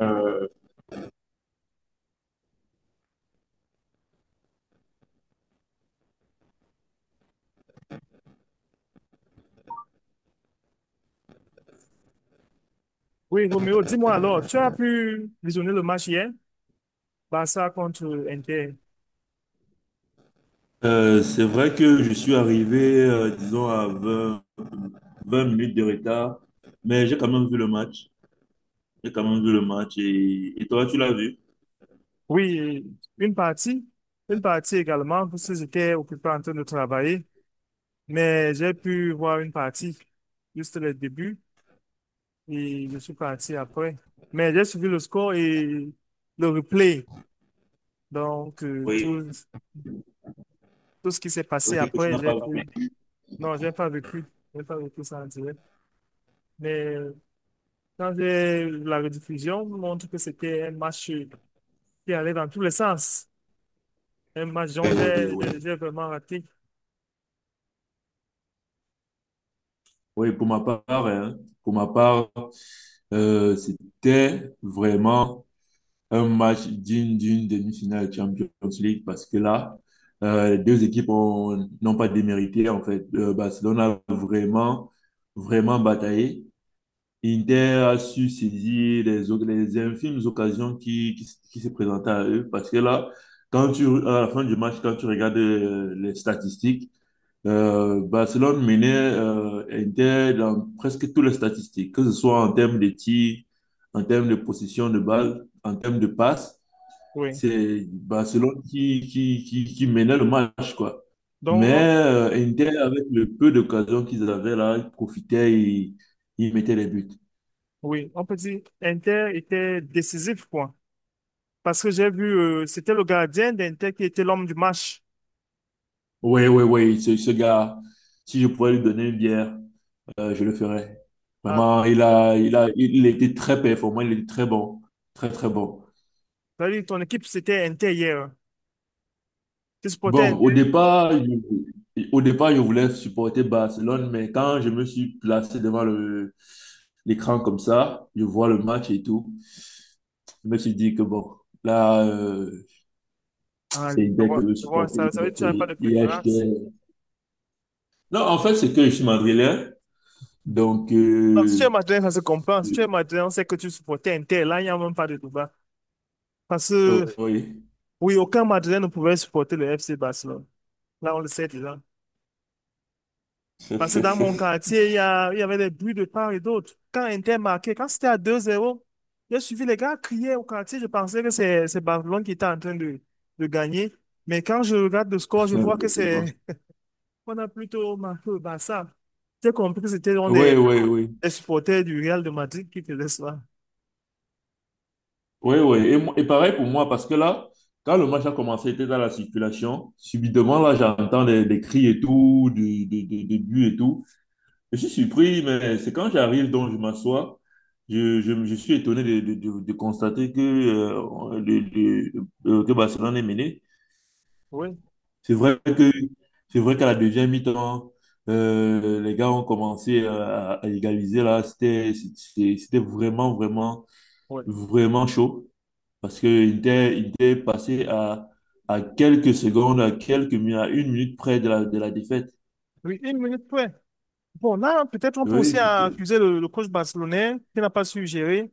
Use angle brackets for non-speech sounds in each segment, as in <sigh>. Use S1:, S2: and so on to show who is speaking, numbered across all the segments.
S1: Euh,
S2: Oui, Roméo, dis-moi alors, tu as pu visionner le match hier, Barça contre Inter?
S1: c'est vrai que je suis arrivé, disons, à vingt minutes de retard, mais j'ai quand même vu le match. J'ai quand même vu le match. Et toi, tu l'as vu?
S2: Oui, une partie, une partie également, parce que j'étais occupé en train de travailler, mais j'ai pu voir une partie, juste le début, et je suis parti après. Mais j'ai suivi le score et le replay, donc
S1: Oui.
S2: tout ce qui s'est
S1: Ça veut
S2: passé
S1: dire que tu
S2: après,
S1: n'as
S2: j'ai
S1: pas vu.
S2: pu... Non, j'ai pas vécu ça en direct. Mais quand j'ai eu la rediffusion, montre que c'était un match qui allait dans tous les sens. Un match dont
S1: Oui, oui,
S2: j'ai
S1: oui.
S2: j'ai- j'ai vraiment raté.
S1: Oui, pour ma part, hein, c'était vraiment un match digne d'une demi-finale Champions League parce que là, les deux équipes ont- n'ont pas démérité, en fait. Barcelone a vraiment, vraiment bataillé. Inter a su saisir les infimes occasions qui se présentaient à eux parce que là, à la fin du match, quand tu regardes les statistiques, Barcelone menait Inter dans presque toutes les statistiques, que ce soit en termes de tirs, en termes de possession de balle, en termes de passes.
S2: Oui.
S1: C'est Barcelone qui menait le match, quoi.
S2: Donc,
S1: Mais Inter, avec le peu d'occasions qu'ils avaient là, ils profitaient, ils mettaient les buts.
S2: oui, on peut dire Inter était décisif, quoi. Parce que j'ai vu, c'était le gardien d'Inter qui était l'homme du match.
S1: Oui, oui, oui, ce gars, si je pouvais lui donner une bière, je le ferais.
S2: Ah,
S1: Vraiment, il était très performant, il était très bon, très, très bon.
S2: ça veut dire que ton équipe, c'était Inter hier. Tu supportais
S1: Bon,
S2: Inter?
S1: au départ, je voulais supporter Barcelone, mais quand je me suis placé devant l'écran comme ça, je vois le match et tout, je me suis dit que bon, là,
S2: Ah,
S1: c'est
S2: oui, tu
S1: Inter que
S2: vois,
S1: je veux
S2: tu vois, ça,
S1: supporter.
S2: ça veut dire que
S1: Donc,
S2: tu n'as pas de
S1: il
S2: préférence.
S1: achetait. Non, en fait, c'est que je suis madrilène, donc,
S2: Bah, si tu es madrilène, ça se comprend. Si tu es madrilène, on sait que tu supportais Inter. Là, il n'y a même pas de débat. Parce que,
S1: oui.
S2: oui, aucun madrilène ne pouvait supporter le FC Barcelone. Là, on le sait déjà. Parce que dans mon
S1: <laughs>
S2: quartier, il y avait des bruits de part et d'autre. Quand Inter marquait, quand c'était à 2-0, j'ai suivi les gars crier au quartier. Je pensais que c'est Barcelone qui était en train de gagner. Mais quand je regarde le score, je
S1: Ouais,
S2: vois que c'est
S1: effectivement.
S2: <laughs> on a plutôt marqué le Barça. J'ai compris que c'était dans
S1: Ouais,
S2: des
S1: ouais. Ouais.
S2: les supporters du Real de Madrid qui faisait cela.
S1: Ouais, ouais. Et pareil pour moi, parce que là, quand le match a commencé, j'étais dans la circulation. Subitement, là, j'entends des cris et tout, des buts et tout. Je suis surpris, mais c'est quand j'arrive, donc je m'assois, je suis étonné de constater que Barcelone est mené.
S2: Oui,
S1: C'est vrai que, c'est vrai qu'à la deuxième mi-temps, les gars ont commencé à égaliser là. C'était vraiment, vraiment.
S2: oui.
S1: vraiment chaud parce qu'il était passé à quelques secondes, à quelques minutes, à une minute près de la défaite.
S2: Oui, une minute près. Bon, là, peut-être on peut aussi
S1: Oui,
S2: accuser le coach barcelonais qui n'a pas su gérer.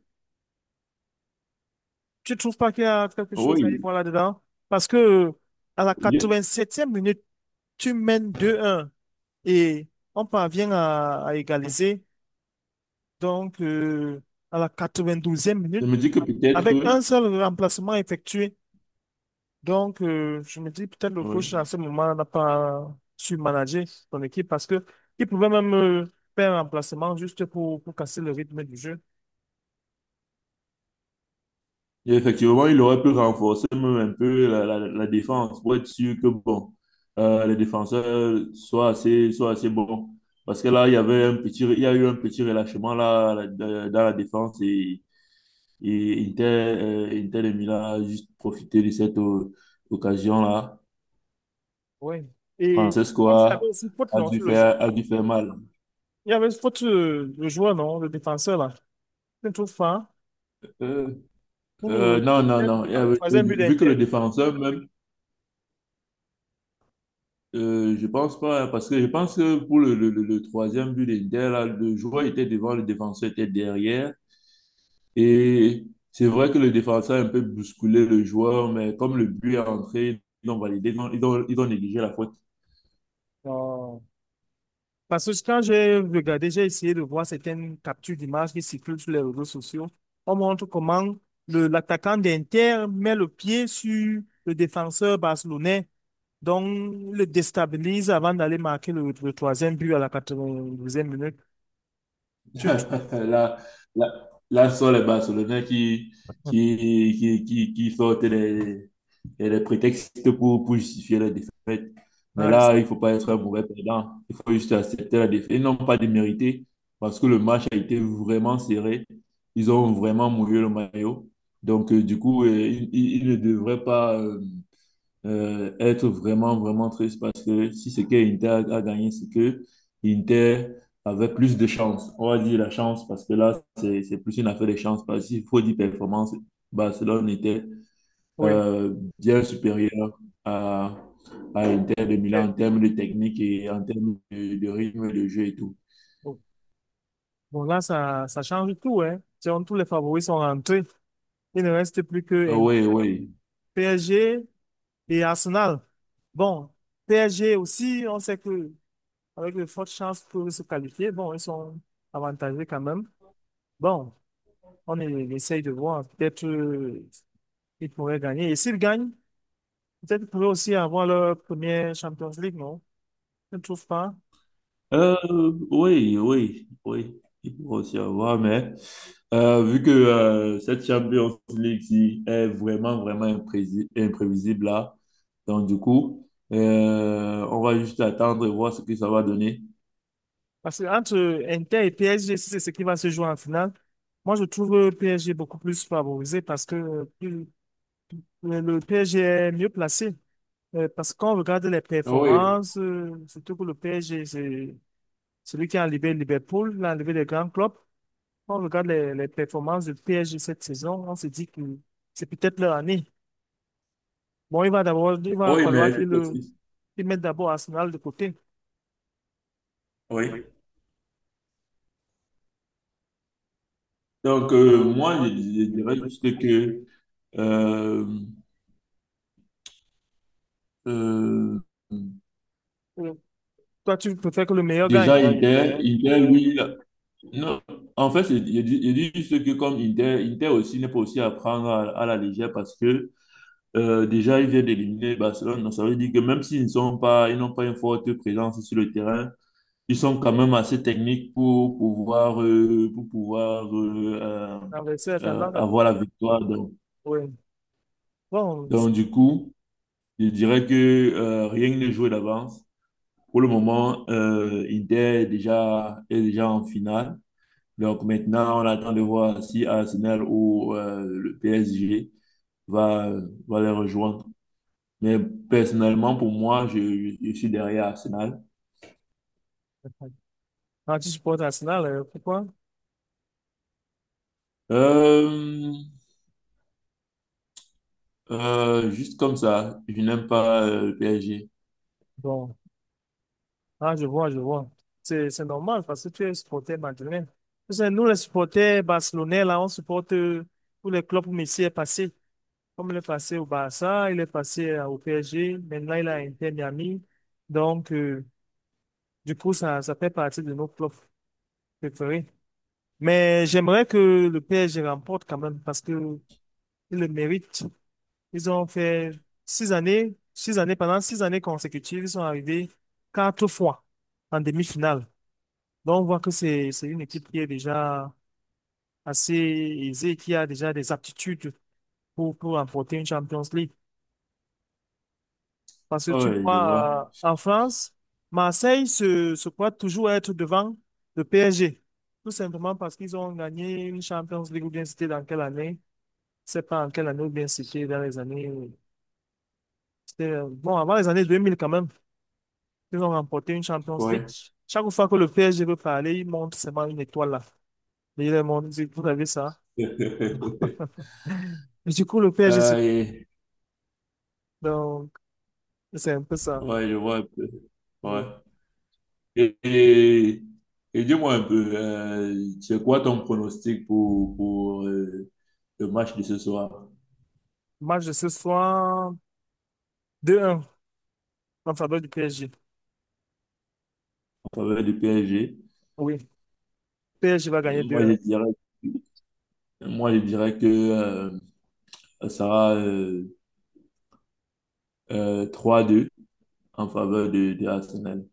S2: Tu ne trouves pas qu'il y a quelque chose à y
S1: oui.
S2: voir là-dedans? Parce que à la
S1: Je,
S2: 87e minute, tu mènes 2-1 et on parvient à égaliser. Donc à la 92e
S1: je
S2: minute,
S1: me dis que peut-être,
S2: avec un seul remplacement effectué. Donc, je me dis peut-être le coach à
S1: oui.
S2: ce moment n'a pas su manager son équipe parce que il pouvait même faire un remplacement juste pour casser le rythme du jeu.
S1: Effectivement, il aurait pu renforcer même un peu la défense pour être sûr que bon, les défenseurs soient assez bons. Parce que là, il y a eu un petit relâchement là, dans la défense et Inter de Milan a juste profité de cette occasion-là.
S2: Ouais. Et
S1: Francesco
S2: comme il y
S1: a,
S2: avait aussi faute,
S1: a
S2: non,
S1: dû
S2: sur le jeu.
S1: faire, a dû faire mal.
S2: Il y avait une faute, le joueur, non, le défenseur, là. Je ne trouve pas.
S1: Euh,
S2: Ouh,
S1: non, non,
S2: troisième
S1: non.
S2: but
S1: Et,
S2: hein, troisième but
S1: vu que le
S2: d'Inter.
S1: défenseur même, je pense pas, hein, parce que je pense que pour le troisième but d'Inter, là, le joueur était devant, le défenseur était derrière. Et c'est vrai que le défenseur a un peu bousculé le joueur, mais comme le but est entré, ils ont validé, ils ont négligé la faute.
S2: Non. Parce que quand j'ai regardé, j'ai essayé de voir certaines captures d'images qui circulent sur les réseaux sociaux. On montre comment l'attaquant d'Inter met le pied sur le défenseur barcelonais. Donc, le déstabilise avant d'aller marquer le troisième but à la 92e minute. Tu ne
S1: <laughs> Là, là, là sont les Barcelonais qui sortent les prétextes pour justifier la défaite. Mais
S2: Ah,
S1: là, il ne faut pas être un mauvais perdant. Il faut juste accepter la défaite. Ils n'ont pas démérité parce que le match a été vraiment serré. Ils ont vraiment mouillé le maillot. Donc, du coup, ils, ils ne devraient pas. Être vraiment, vraiment triste parce que si c'est que Inter a gagné, c'est que Inter avait plus de chance. On va dire la chance parce que là, c'est plus une affaire de chance parce qu'il faut dire performance. Barcelone était
S2: oui.
S1: euh, bien supérieur à, à Inter de Milan
S2: Mais
S1: en termes de technique et en termes de rythme de jeu et tout.
S2: bon, bon, là, ça change tout, hein. Tiens, tous les favoris sont rentrés. Il ne reste plus que
S1: Oui, oui.
S2: PSG et Arsenal. Bon, PSG aussi, on sait que avec de fortes chances pour se qualifier, bon, ils sont avantagés quand même. Bon, on essaye de voir. Peut-être ils pourraient gagner. Et s'ils gagnent, peut-être qu'ils pourraient aussi avoir leur première Champions League, non? Je ne trouve pas.
S1: Euh, oui, oui, oui, il peut aussi avoir, mais vu que cette Champions League ci est vraiment, vraiment imprévisible là, donc du coup, on va juste attendre et voir ce que ça va donner.
S2: Parce que entre Inter et PSG, si c'est ce qui va se jouer en finale, moi je trouve PSG beaucoup plus favorisé parce que le PSG est mieux placé. Parce que quand on regarde les
S1: Oui.
S2: performances, surtout que le PSG, c'est celui qui a enlevé Liverpool, l'a enlevé les grands clubs. Quand on regarde les performances du PSG cette saison, on se dit que c'est peut-être leur année. Bon, il va d'abord, il va, oui,
S1: Oui, mais
S2: falloir mais
S1: effectivement,
S2: qu'ils mettent d'abord Arsenal de côté.
S1: oui.
S2: Oui.
S1: Donc,
S2: Donc,
S1: moi, je,
S2: moi, je
S1: je
S2: je
S1: dirais
S2: dirais
S1: juste
S2: que
S1: que euh, euh,
S2: euh, toi, tu préfères que le meilleur il
S1: déjà,
S2: gagne. doit, il
S1: Inter,
S2: doit, il
S1: Inter,
S2: doit,
S1: lui,
S2: oui.
S1: non, en fait, je dis juste que comme Inter aussi n'est pas aussi à prendre à la légère parce que déjà, ils viennent d'éliminer Barcelone. Donc, ça veut dire que même s'ils n'ont pas une forte présence sur le terrain, ils sont quand même assez techniques pour pouvoir, euh, pour pouvoir euh, euh,
S2: Renverser la
S1: euh,
S2: tendance.
S1: avoir la victoire. Donc,
S2: Oui. Bon,
S1: du coup, je dirais que rien n'est joué d'avance. Pour le moment, Inter est déjà en finale. Donc maintenant, on attend de voir si Arsenal ou le PSG va, va les rejoindre. Mais personnellement, pour moi, je suis derrière Arsenal.
S2: quand tu supportes Arsenal, pourquoi?
S1: Euh, juste comme ça, je n'aime pas le PSG.
S2: Bon, ah, je vois, je vois. C'est normal parce que tu es supporter madrilène. Tu sais, nous, les supporters barcelonais, là, on supporte tous les clubs où Messi est passé. Comme il est passé au Barça, il est passé au PSG, maintenant il a Inter Miami. Donc, du coup, ça fait partie de nos clubs préférés. Mais j'aimerais que le PSG remporte quand même parce que ils le méritent. Ils ont fait 6 années, 6 années, pendant 6 années consécutives, ils sont arrivés quatre fois en demi-finale. Donc, on voit que c'est une équipe qui est déjà assez aisée, qui a déjà des aptitudes pour remporter une Champions League. Parce que tu
S1: Ouais je vois.
S2: vois, en France, Marseille se croit toujours être devant le PSG. Tout simplement parce qu'ils ont gagné une Champions League, ou bien c'était dans quelle année? Je sais pas en quelle année, ou bien c'était dans les années. Bon, avant les années 2000 quand même, ils ont remporté une Champions League.
S1: Ouais.
S2: Chaque fois que le PSG veut parler, ils montrent seulement une étoile là. Et ils leur montrent, vous avez ça?
S1: <laughs>
S2: <laughs> Et du coup, le PSG,
S1: Euh, et-
S2: donc, c'est un peu ça.
S1: ouais, je vois un peu. Ouais.
S2: Le
S1: Et, et- et dis-moi un peu, c'est quoi ton pronostic pour le match de ce soir
S2: match de ce soir, 2-1 en faveur du PSG.
S1: en faveur du PSG?
S2: Oui, PSG va
S1: Euh,
S2: gagner deux
S1: Moi, je
S2: 1
S1: dirais, moi, je dirais que ça sera 3-2 en faveur de Arsenal.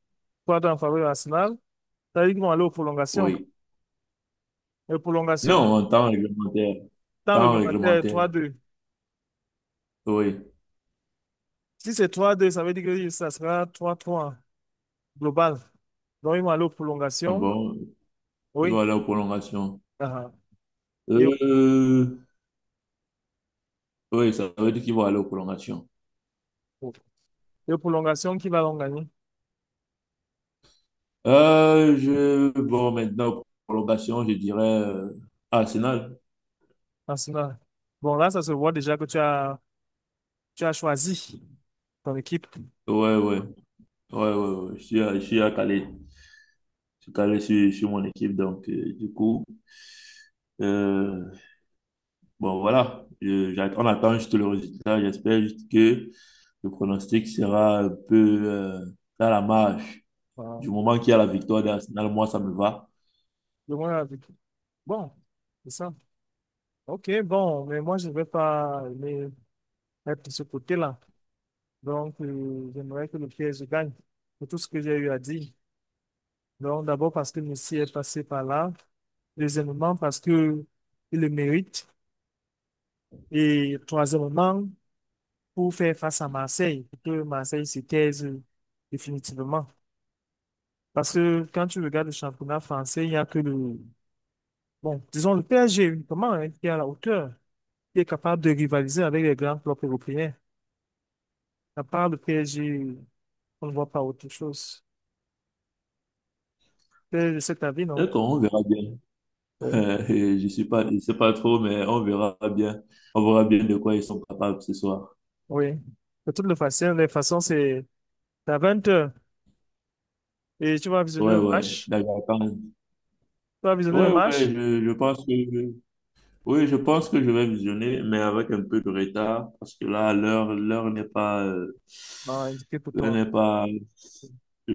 S2: 3-2 en faveur de Arsenal. Ça veut dire qu'ils vont aller aux prolongations.
S1: Oui.
S2: Les prolongations,
S1: Non, en temps réglementaire.
S2: temps
S1: Temps
S2: réglementaire, trois
S1: réglementaire.
S2: deux
S1: Oui.
S2: Si c'est 3-2, ça veut dire que ça sera 3-3 global. Donc, ils vont aller aux
S1: Ah
S2: prolongations.
S1: bon, ils vont
S2: Oui.
S1: aller aux prolongations.
S2: Ah, ah. Et, aux
S1: Euh, oui, ça veut dire qu'ils vont aller aux prolongations.
S2: et aux prolongations, qui va donc gagner?
S1: Bon, maintenant, prolongation, je dirais Arsenal.
S2: Arsenal. Bon, là, ça se voit déjà que tu as choisi ton équipe.
S1: Ouais, ouais, ouais, ouais, ouais. Je suis à Calais. Je suis calé sur mon équipe. Donc, du coup, euh, bon, voilà. On attend juste le résultat. J'espère juste que le pronostic sera un peu dans la marge.
S2: Voilà.
S1: Du moment qu'il y a la victoire d'Arsenal, moi, ça me va.
S2: Je vois bon, c'est ça. OK, bon, mais moi, je ne vais pas aimer être de ce côté-là. Donc, j'aimerais que le PSG gagne pour tout ce que j'ai eu à dire. Donc, d'abord parce que Messi est passé par là. Deuxièmement, parce que il le mérite. Et troisièmement, pour faire face à Marseille, pour que Marseille se taise définitivement. Parce que quand tu regardes le championnat français, il n'y a que le, bon, disons le PSG uniquement, hein, qui est à la hauteur, qui est capable de rivaliser avec les grands clubs européens. À part le PSG, on ne voit pas autre chose. C'est cet avis, non?
S1: D'accord, on verra bien. <laughs>
S2: Oui.
S1: Je sais pas trop, mais on verra bien. On verra bien de quoi ils sont capables ce soir.
S2: Oui. De toutes les façons, c'est à 20 h et tu vas visionner
S1: Ouais,
S2: le
S1: ouais.
S2: match.
S1: D'accord. quand
S2: Tu vas visionner le
S1: Ouais, ouais.
S2: match.
S1: Oui, je pense que je vais visionner, mais avec un peu de retard, parce que là, l'heure, l'heure n'est pas, euh,
S2: Ah, indiqué pour
S1: l'heure
S2: toi.
S1: n'est pas,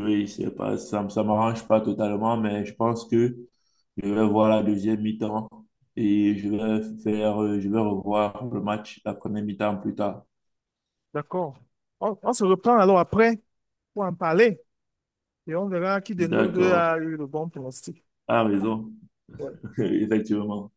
S1: oui, c'est pas, ça, me- ça m'arrange pas totalement, mais je pense que je vais voir la deuxième mi-temps et je vais revoir le match, la première mi-temps plus tard.
S2: D'accord. On se reprend alors après pour en parler et on verra qui de nous deux
S1: D'accord.
S2: a eu le bon pronostic.
S1: Ah, raison.
S2: Ouais.
S1: <laughs> Effectivement.